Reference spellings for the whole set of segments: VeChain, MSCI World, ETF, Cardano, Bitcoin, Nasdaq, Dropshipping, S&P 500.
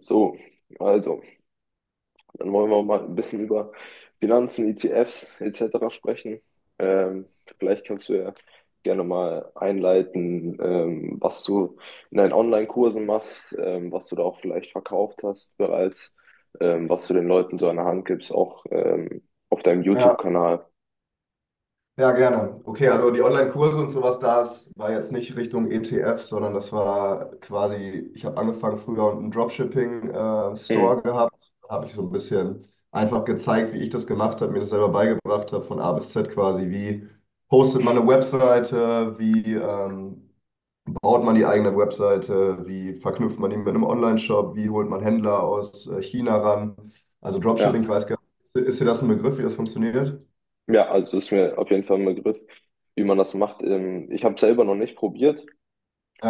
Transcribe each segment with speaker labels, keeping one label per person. Speaker 1: So, also, dann wollen wir mal ein bisschen über Finanzen, ETFs etc. sprechen. Ähm, Vielleicht kannst du ja gerne mal einleiten, was du in deinen Online-Kursen machst, was du da auch vielleicht verkauft hast bereits, was du den Leuten so an der Hand gibst, auch auf deinem
Speaker 2: Ja,
Speaker 1: YouTube-Kanal.
Speaker 2: ja, gerne. Okay, also die Online-Kurse und sowas, das war jetzt nicht Richtung ETF, sondern das war quasi, ich habe angefangen früher einen
Speaker 1: Mhm.
Speaker 2: Dropshipping-Store gehabt, habe ich so ein bisschen einfach gezeigt, wie ich das gemacht habe, mir das selber beigebracht habe, von A bis Z quasi, wie hostet man eine Webseite, wie baut man die eigene Webseite, wie verknüpft man die mit einem Online-Shop, wie holt man Händler aus China ran. Also Dropshipping, ich
Speaker 1: Ja,
Speaker 2: weiß gar nicht, ist dir das ein Begriff, wie das funktioniert?
Speaker 1: ja, also ist mir auf jeden Fall ein Begriff, wie man das macht. Ich habe selber noch nicht probiert.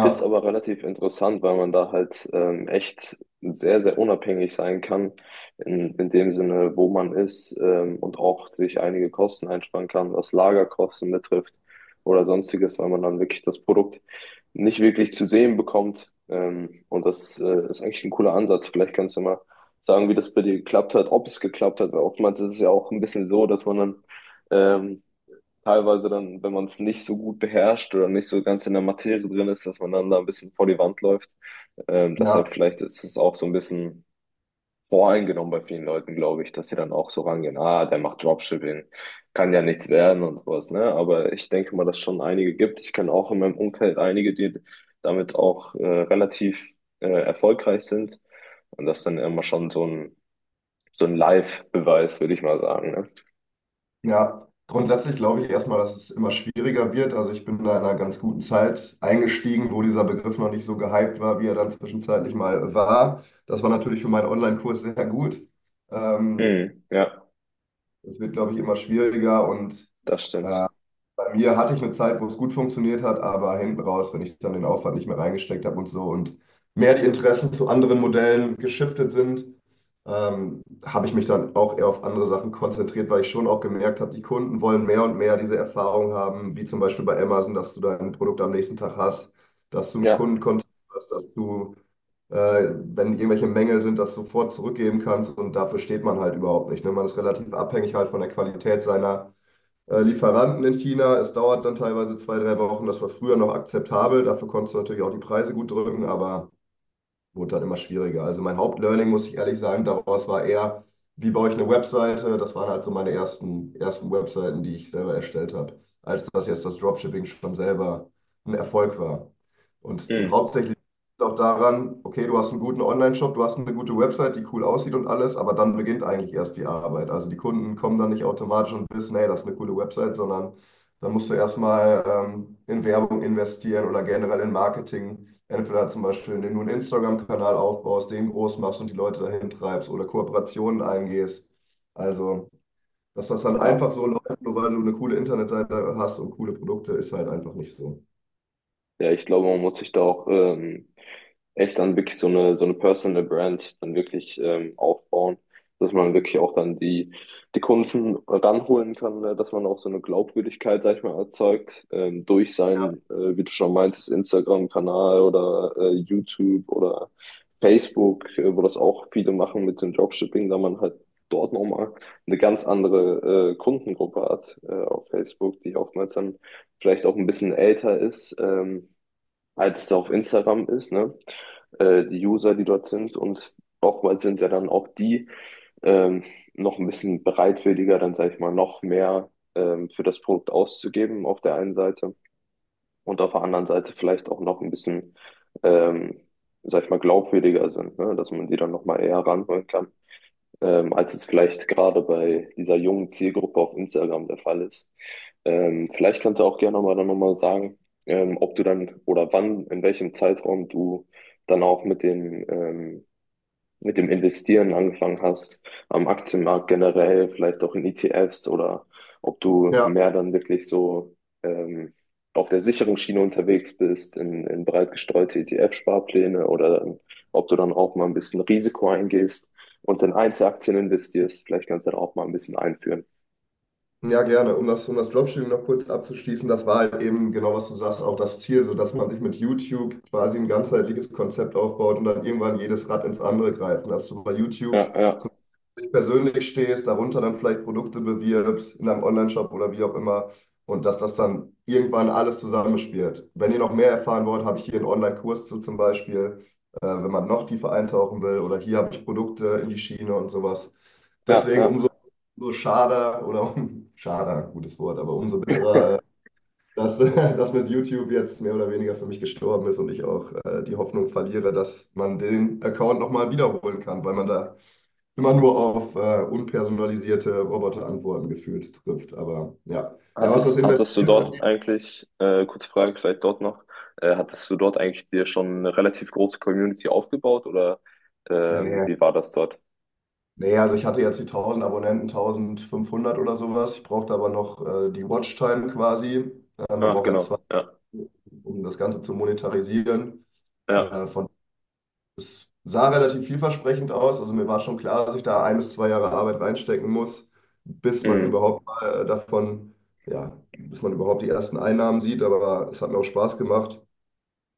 Speaker 1: Finde es aber relativ interessant, weil man da halt echt sehr, sehr unabhängig sein kann, in dem Sinne, wo man ist, und auch sich einige Kosten einsparen kann, was Lagerkosten betrifft oder sonstiges, weil man dann wirklich das Produkt nicht wirklich zu sehen bekommt. Und das ist eigentlich ein cooler Ansatz. Vielleicht kannst du mal sagen, wie das bei dir geklappt hat, ob es geklappt hat, weil oftmals ist es ja auch ein bisschen so, dass man dann ähm, teilweise dann, wenn man es nicht so gut beherrscht oder nicht so ganz in der Materie drin ist, dass man dann da ein bisschen vor die Wand läuft. Deshalb
Speaker 2: ja,
Speaker 1: vielleicht ist es auch so ein bisschen voreingenommen bei vielen Leuten, glaube ich, dass sie dann auch so rangehen, ah, der macht Dropshipping, kann ja nichts werden und sowas, ne? Aber ich denke mal, dass es schon einige gibt. Ich kenne auch in meinem Umfeld einige, die damit auch relativ erfolgreich sind. Und das ist dann immer schon so ein Live-Beweis, würde ich mal sagen, ne?
Speaker 2: ja, grundsätzlich glaube ich erstmal, dass es immer schwieriger wird. Also ich bin da in einer ganz guten Zeit eingestiegen, wo dieser Begriff noch nicht so gehypt war, wie er dann zwischenzeitlich mal war. Das war natürlich für meinen Online-Kurs sehr gut. Ähm,
Speaker 1: Mhm, ja,
Speaker 2: es wird, glaube ich, immer schwieriger und
Speaker 1: das stimmt.
Speaker 2: bei mir hatte ich eine Zeit, wo es gut funktioniert hat, aber hinten raus, wenn ich dann den Aufwand nicht mehr reingesteckt habe und so und mehr die Interessen zu anderen Modellen geschiftet sind, habe ich mich dann auch eher auf andere Sachen konzentriert, weil ich schon auch gemerkt habe, die Kunden wollen mehr und mehr diese Erfahrung haben, wie zum Beispiel bei Amazon, dass du dein Produkt am nächsten Tag hast, dass du einen
Speaker 1: Ja.
Speaker 2: Kundenkontakt hast, dass du, äh, wenn irgendwelche Mängel sind, das sofort zurückgeben kannst und dafür steht man halt überhaupt nicht. Ne? Man ist relativ abhängig halt von der Qualität seiner Lieferanten in China. Es dauert dann teilweise zwei, drei Wochen. Das war früher noch akzeptabel. Dafür konntest du natürlich auch die Preise gut drücken, aber wurde dann immer schwieriger. Also mein Hauptlearning, muss ich ehrlich sagen, daraus war eher, wie baue ich eine Webseite? Das waren halt so meine ersten Webseiten, die ich selber erstellt habe, als dass jetzt das Dropshipping schon selber ein Erfolg war. Und
Speaker 1: Mhm.
Speaker 2: hauptsächlich auch daran, okay, du hast einen guten Online-Shop, du hast eine gute Website, die cool aussieht und alles, aber dann beginnt eigentlich erst die Arbeit. Also die Kunden kommen dann nicht automatisch und wissen, hey, das ist eine coole Website, sondern dann musst du erstmal in Werbung investieren oder generell in Marketing. Entweder zum Beispiel, indem du einen Instagram-Kanal aufbaust, den groß machst und die Leute dahin treibst oder Kooperationen eingehst. Also, dass das dann
Speaker 1: Ja.
Speaker 2: einfach so läuft, nur weil du eine coole Internetseite hast und coole Produkte, ist halt einfach nicht so.
Speaker 1: Ja, ich glaube, man muss sich da auch echt dann wirklich so eine Personal Brand dann wirklich aufbauen, dass man wirklich auch dann die Kunden ranholen kann, ne? Dass man auch so eine Glaubwürdigkeit, sag ich mal, erzeugt, durch seinen, wie du schon meintest, Instagram-Kanal oder YouTube oder Facebook, wo das auch viele machen mit dem Dropshipping, da man halt dort nochmal eine ganz andere Kundengruppe hat, auf Facebook, die oftmals dann vielleicht auch ein bisschen älter ist. Als es auf Instagram ist, ne? Die User, die dort sind und oftmals sind ja dann auch die ähm, noch ein bisschen bereitwilliger, dann sage ich mal, noch mehr für das Produkt auszugeben auf der einen Seite und auf der anderen Seite vielleicht auch noch ein bisschen, ähm, sag ich mal, glaubwürdiger sind, ne? Dass man die dann noch mal eher ranholen kann, als es vielleicht gerade bei dieser jungen Zielgruppe auf Instagram der Fall ist. Vielleicht kannst du auch gerne mal dann nochmal sagen, ob du dann oder wann, in welchem Zeitraum du dann auch mit dem Investieren angefangen hast, am Aktienmarkt generell, vielleicht auch in ETFs oder ob du
Speaker 2: Ja,
Speaker 1: mehr dann wirklich so ähm, auf der sicheren Schiene unterwegs bist, in breit gestreute ETF-Sparpläne oder ob du dann auch mal ein bisschen Risiko eingehst und in Einzelaktien investierst, vielleicht kannst du da auch mal ein bisschen einführen.
Speaker 2: ja, gerne. Um das Dropshipping noch kurz abzuschließen, das war halt eben genau, was du sagst, auch das Ziel, so dass man sich mit YouTube quasi ein ganzheitliches Konzept aufbaut und dann irgendwann jedes Rad ins andere greift. Und dass du bei YouTube
Speaker 1: Ja, ja,
Speaker 2: dich persönlich stehst, darunter dann vielleicht Produkte bewirbst, in einem Onlineshop oder wie auch immer. Und dass das dann irgendwann alles zusammenspielt. Wenn ihr noch mehr erfahren wollt, habe ich hier einen Online-Kurs zu zum Beispiel, wenn man noch tiefer eintauchen will. Oder hier habe ich Produkte in die Schiene und sowas.
Speaker 1: ja,
Speaker 2: Deswegen umso,
Speaker 1: ja.
Speaker 2: umso schade oder um, schade, gutes Wort, aber umso bitterer, dass das mit YouTube jetzt mehr oder weniger für mich gestorben ist und ich auch die Hoffnung verliere, dass man den Account nochmal wiederholen kann, weil man da immer nur auf unpersonalisierte Roboterantworten gefühlt trifft. Aber ja. Ja, was das
Speaker 1: Hattest du
Speaker 2: investiert
Speaker 1: dort
Speaker 2: angeht,
Speaker 1: eigentlich, kurze Frage vielleicht dort noch, hattest du dort eigentlich dir schon eine relativ große Community aufgebaut oder,
Speaker 2: nee,
Speaker 1: wie war das dort?
Speaker 2: nee, also ich hatte jetzt die 1000 Abonnenten, 1500 oder sowas. Ich brauchte aber noch die Watchtime quasi. Man
Speaker 1: Ach,
Speaker 2: braucht ja zwei,
Speaker 1: genau, ja,
Speaker 2: um das Ganze zu monetarisieren.
Speaker 1: ja,
Speaker 2: Äh, von, Es sah relativ vielversprechend aus. Also mir war schon klar, dass ich da 1 bis 2 Jahre Arbeit reinstecken muss, bis man
Speaker 1: mhm.
Speaker 2: überhaupt mal ja, bis man überhaupt die ersten Einnahmen sieht. Aber es hat mir auch Spaß gemacht.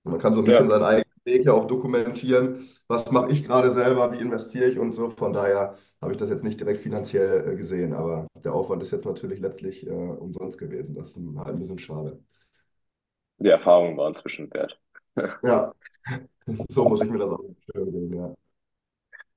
Speaker 2: Man kann so ein bisschen
Speaker 1: Ja,
Speaker 2: seinen eigenen Weg ja auch dokumentieren. Was mache ich gerade selber? Wie investiere ich und so. Von daher habe ich das jetzt nicht direkt finanziell gesehen, aber der Aufwand ist jetzt natürlich letztlich umsonst gewesen. Das ist halt ein bisschen schade.
Speaker 1: die Erfahrungen waren inzwischen wert.
Speaker 2: Ja, so muss ich mir das auch vorstellen, ja.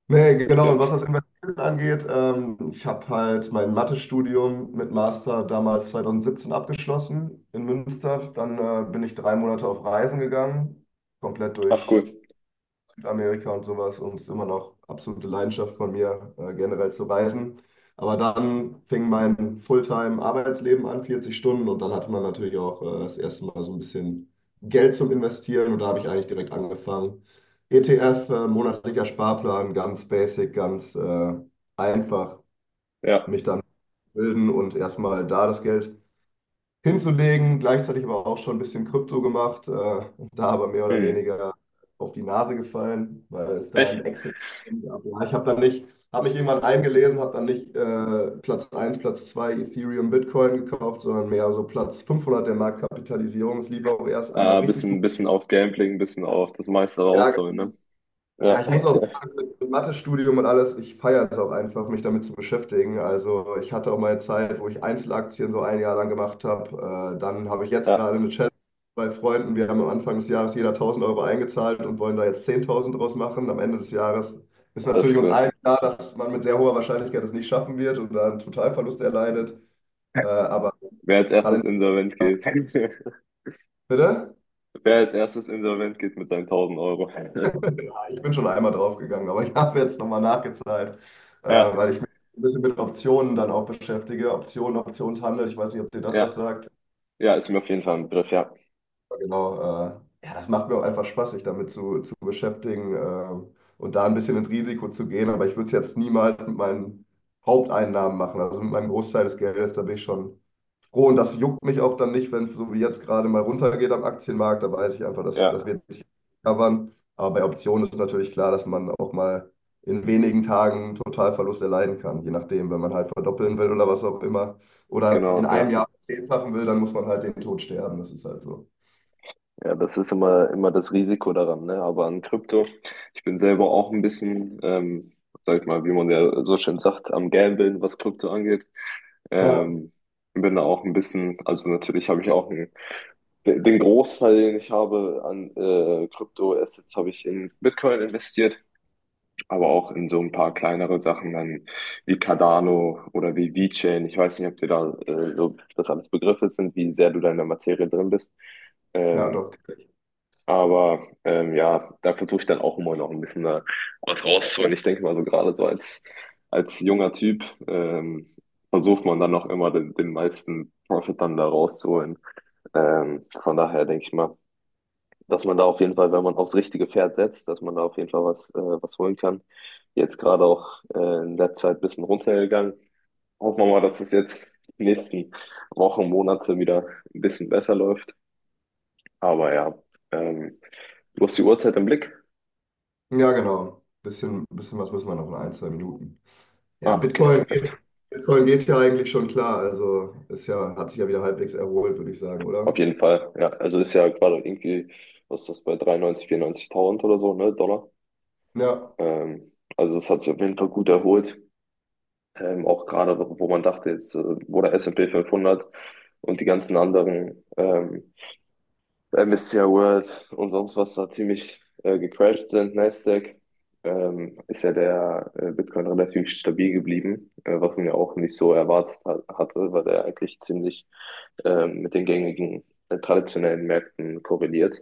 Speaker 2: Nee, genau. Und
Speaker 1: Bestimmt.
Speaker 2: was das Investieren angeht, ich habe halt mein Mathestudium mit Master damals 2017 abgeschlossen in Münster. Dann bin ich 3 Monate auf Reisen gegangen, komplett
Speaker 1: Ach, cool,
Speaker 2: durch Südamerika und sowas und es ist immer noch absolute Leidenschaft von mir, generell zu reisen. Aber dann fing mein Fulltime-Arbeitsleben an, 40 Stunden, und dann hatte man natürlich auch das erste Mal so ein bisschen Geld zum Investieren und da habe ich eigentlich direkt angefangen. ETF, monatlicher Sparplan, ganz basic, ganz einfach
Speaker 1: ja,
Speaker 2: mich dann bilden und erstmal da das Geld hinzulegen, gleichzeitig aber auch schon ein bisschen Krypto gemacht, und da aber mehr oder
Speaker 1: mhm.
Speaker 2: weniger auf die Nase gefallen, weil es da
Speaker 1: Echt?
Speaker 2: ein Exit gab. Ja, ich habe dann nicht, habe mich irgendwann eingelesen, habe dann nicht Platz 1, Platz 2 Ethereum, Bitcoin gekauft, sondern mehr so Platz 500 der Marktkapitalisierung. Es lief auch erst einmal
Speaker 1: Ah,
Speaker 2: richtig
Speaker 1: bisschen,
Speaker 2: gut.
Speaker 1: bisschen auf Gambling, bisschen auf das meiste
Speaker 2: Ja,
Speaker 1: rausholen, ne?
Speaker 2: genau. Ja,
Speaker 1: Ja,
Speaker 2: ich muss auch sagen, mit Mathestudium und alles, ich feiere es auch einfach, mich damit zu beschäftigen. Also ich hatte auch mal eine Zeit, wo ich Einzelaktien so ein Jahr lang gemacht habe. Dann habe ich jetzt gerade
Speaker 1: ja,
Speaker 2: eine Challenge bei Freunden. Wir haben am Anfang des Jahres jeder 1.000 Euro eingezahlt und wollen da jetzt 10.000 draus machen. Am Ende des Jahres ist
Speaker 1: das ist
Speaker 2: natürlich uns
Speaker 1: cool.
Speaker 2: allen klar, dass man mit sehr hoher Wahrscheinlichkeit es nicht schaffen wird und dann einen Totalverlust erleidet. Aber
Speaker 1: Wer als
Speaker 2: gerade,
Speaker 1: erstes insolvent geht,
Speaker 2: bitte?
Speaker 1: wer als erstes insolvent geht mit seinen 1.000 Euro.
Speaker 2: Ich bin schon einmal draufgegangen, aber ich habe jetzt nochmal nachgezahlt,
Speaker 1: Ja,
Speaker 2: weil ich mich ein bisschen mit Optionen dann auch beschäftige. Optionen, Optionshandel, ich weiß nicht, ob dir das was
Speaker 1: ja.
Speaker 2: sagt.
Speaker 1: Ja, ist mir auf jeden Fall ein Begriff, ja.
Speaker 2: Ja, genau, ja, das macht mir auch einfach Spaß, sich damit zu beschäftigen und da ein bisschen ins Risiko zu gehen. Aber ich würde es jetzt niemals mit meinen Haupteinnahmen machen, also mit meinem Großteil des Geldes. Da bin ich schon froh und das juckt mich auch dann nicht, wenn es so wie jetzt gerade mal runtergeht am Aktienmarkt. Da weiß ich einfach, dass das
Speaker 1: Ja,
Speaker 2: wird sich covern. Aber bei Optionen ist natürlich klar, dass man auch mal in wenigen Tagen einen Totalverlust erleiden kann, je nachdem, wenn man halt verdoppeln will oder was auch immer. Oder in
Speaker 1: genau,
Speaker 2: einem
Speaker 1: ja.
Speaker 2: Jahr zehnfachen will, dann muss man halt den Tod sterben. Das ist halt so.
Speaker 1: Ja, das ist immer, immer das Risiko daran, ne? Aber an Krypto, ich bin selber auch ein bisschen, sag ich mal, wie man ja so schön sagt, am Gambeln, was Krypto angeht.
Speaker 2: Ja,
Speaker 1: Ähm, Bin da auch ein bisschen, also natürlich habe ich auch einen, den Großteil, den ich habe an Krypto-Assets, habe ich in Bitcoin investiert. Aber auch in so ein paar kleinere Sachen dann wie Cardano oder wie VeChain. Ich weiß nicht, ob dir da so das alles Begriffe sind, wie sehr du da in der Materie drin bist.
Speaker 2: ja,
Speaker 1: Ähm,
Speaker 2: doch.
Speaker 1: ja, da versuche ich dann auch immer noch ein bisschen da was rauszuholen. Ich denke mal so gerade als junger Typ ähm, versucht man dann noch immer den meisten Profit dann da rauszuholen. Von daher denke ich mal, dass man da auf jeden Fall, wenn man aufs richtige Pferd setzt, dass man da auf jeden Fall was holen kann. Jetzt gerade auch in der Zeit ein bisschen runtergegangen. Hoffen wir mal, dass es jetzt die nächsten Wochen, Monate wieder ein bisschen besser läuft. Aber ja, ähm, du hast die Uhrzeit im Blick?
Speaker 2: Ja, genau. Bisschen, bisschen was müssen wir noch in ein, zwei Minuten. Ja,
Speaker 1: Ah, okay,
Speaker 2: Bitcoin
Speaker 1: perfekt.
Speaker 2: geht, Bitcoin geht ja eigentlich schon klar. Also ist ja, hat sich ja wieder halbwegs erholt, würde ich sagen,
Speaker 1: Auf
Speaker 2: oder?
Speaker 1: jeden Fall. Ja, also ist ja gerade irgendwie, was ist das bei 93, 94.000 oder so, ne, Dollar.
Speaker 2: Ja,
Speaker 1: Ähm, also das hat sich auf jeden Fall gut erholt. Auch gerade, wo man dachte, jetzt, wo der S S&P 500 und die ganzen anderen MSCI World und sonst was da ziemlich gecrashed sind, Nasdaq, ist ja der Bitcoin relativ stabil geblieben, was man ja auch nicht so erwartet hat, hatte, weil der eigentlich ziemlich mit den gängigen traditionellen Märkten korreliert.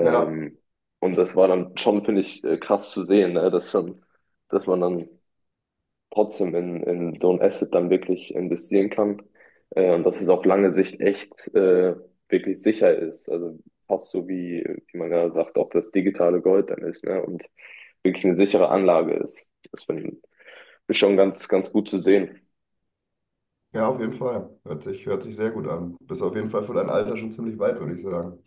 Speaker 2: ja,
Speaker 1: und das war dann schon, finde ich, krass zu sehen, ne? Dass man dann trotzdem in so ein Asset dann wirklich investieren kann. Und dass es auf lange Sicht echt, wirklich sicher ist. Also fast so wie man gerade sagt, auch das digitale Gold dann ist, ne? Und wirklich eine sichere Anlage ist. Das finde ich schon ganz, ganz gut zu sehen.
Speaker 2: ja, auf jeden Fall. Hört sich sehr gut an. Bist auf jeden Fall für dein Alter schon ziemlich weit, würde ich sagen.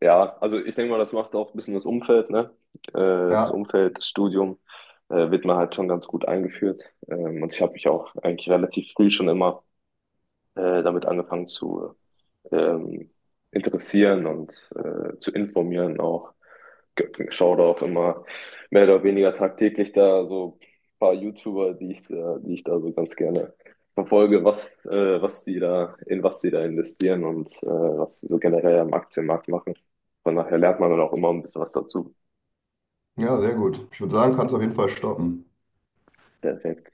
Speaker 1: Ja, also ich denke mal, das macht auch ein bisschen das Umfeld, ne? Äh, Das
Speaker 2: Ja,
Speaker 1: Umfeld, das Studium, wird man halt schon ganz gut eingeführt. Und ich habe mich auch eigentlich relativ früh schon immer damit angefangen zu ähm, interessieren und zu informieren auch. Schaue da auch immer mehr oder weniger tagtäglich da so ein paar YouTuber, die ich da so ganz gerne verfolge, was, was die da, in was die da investieren und was sie so generell am Aktienmarkt machen. Von daher lernt man dann auch immer ein bisschen was dazu.
Speaker 2: ja, sehr gut. Ich würde sagen, kannst auf jeden Fall stoppen.
Speaker 1: Perfekt.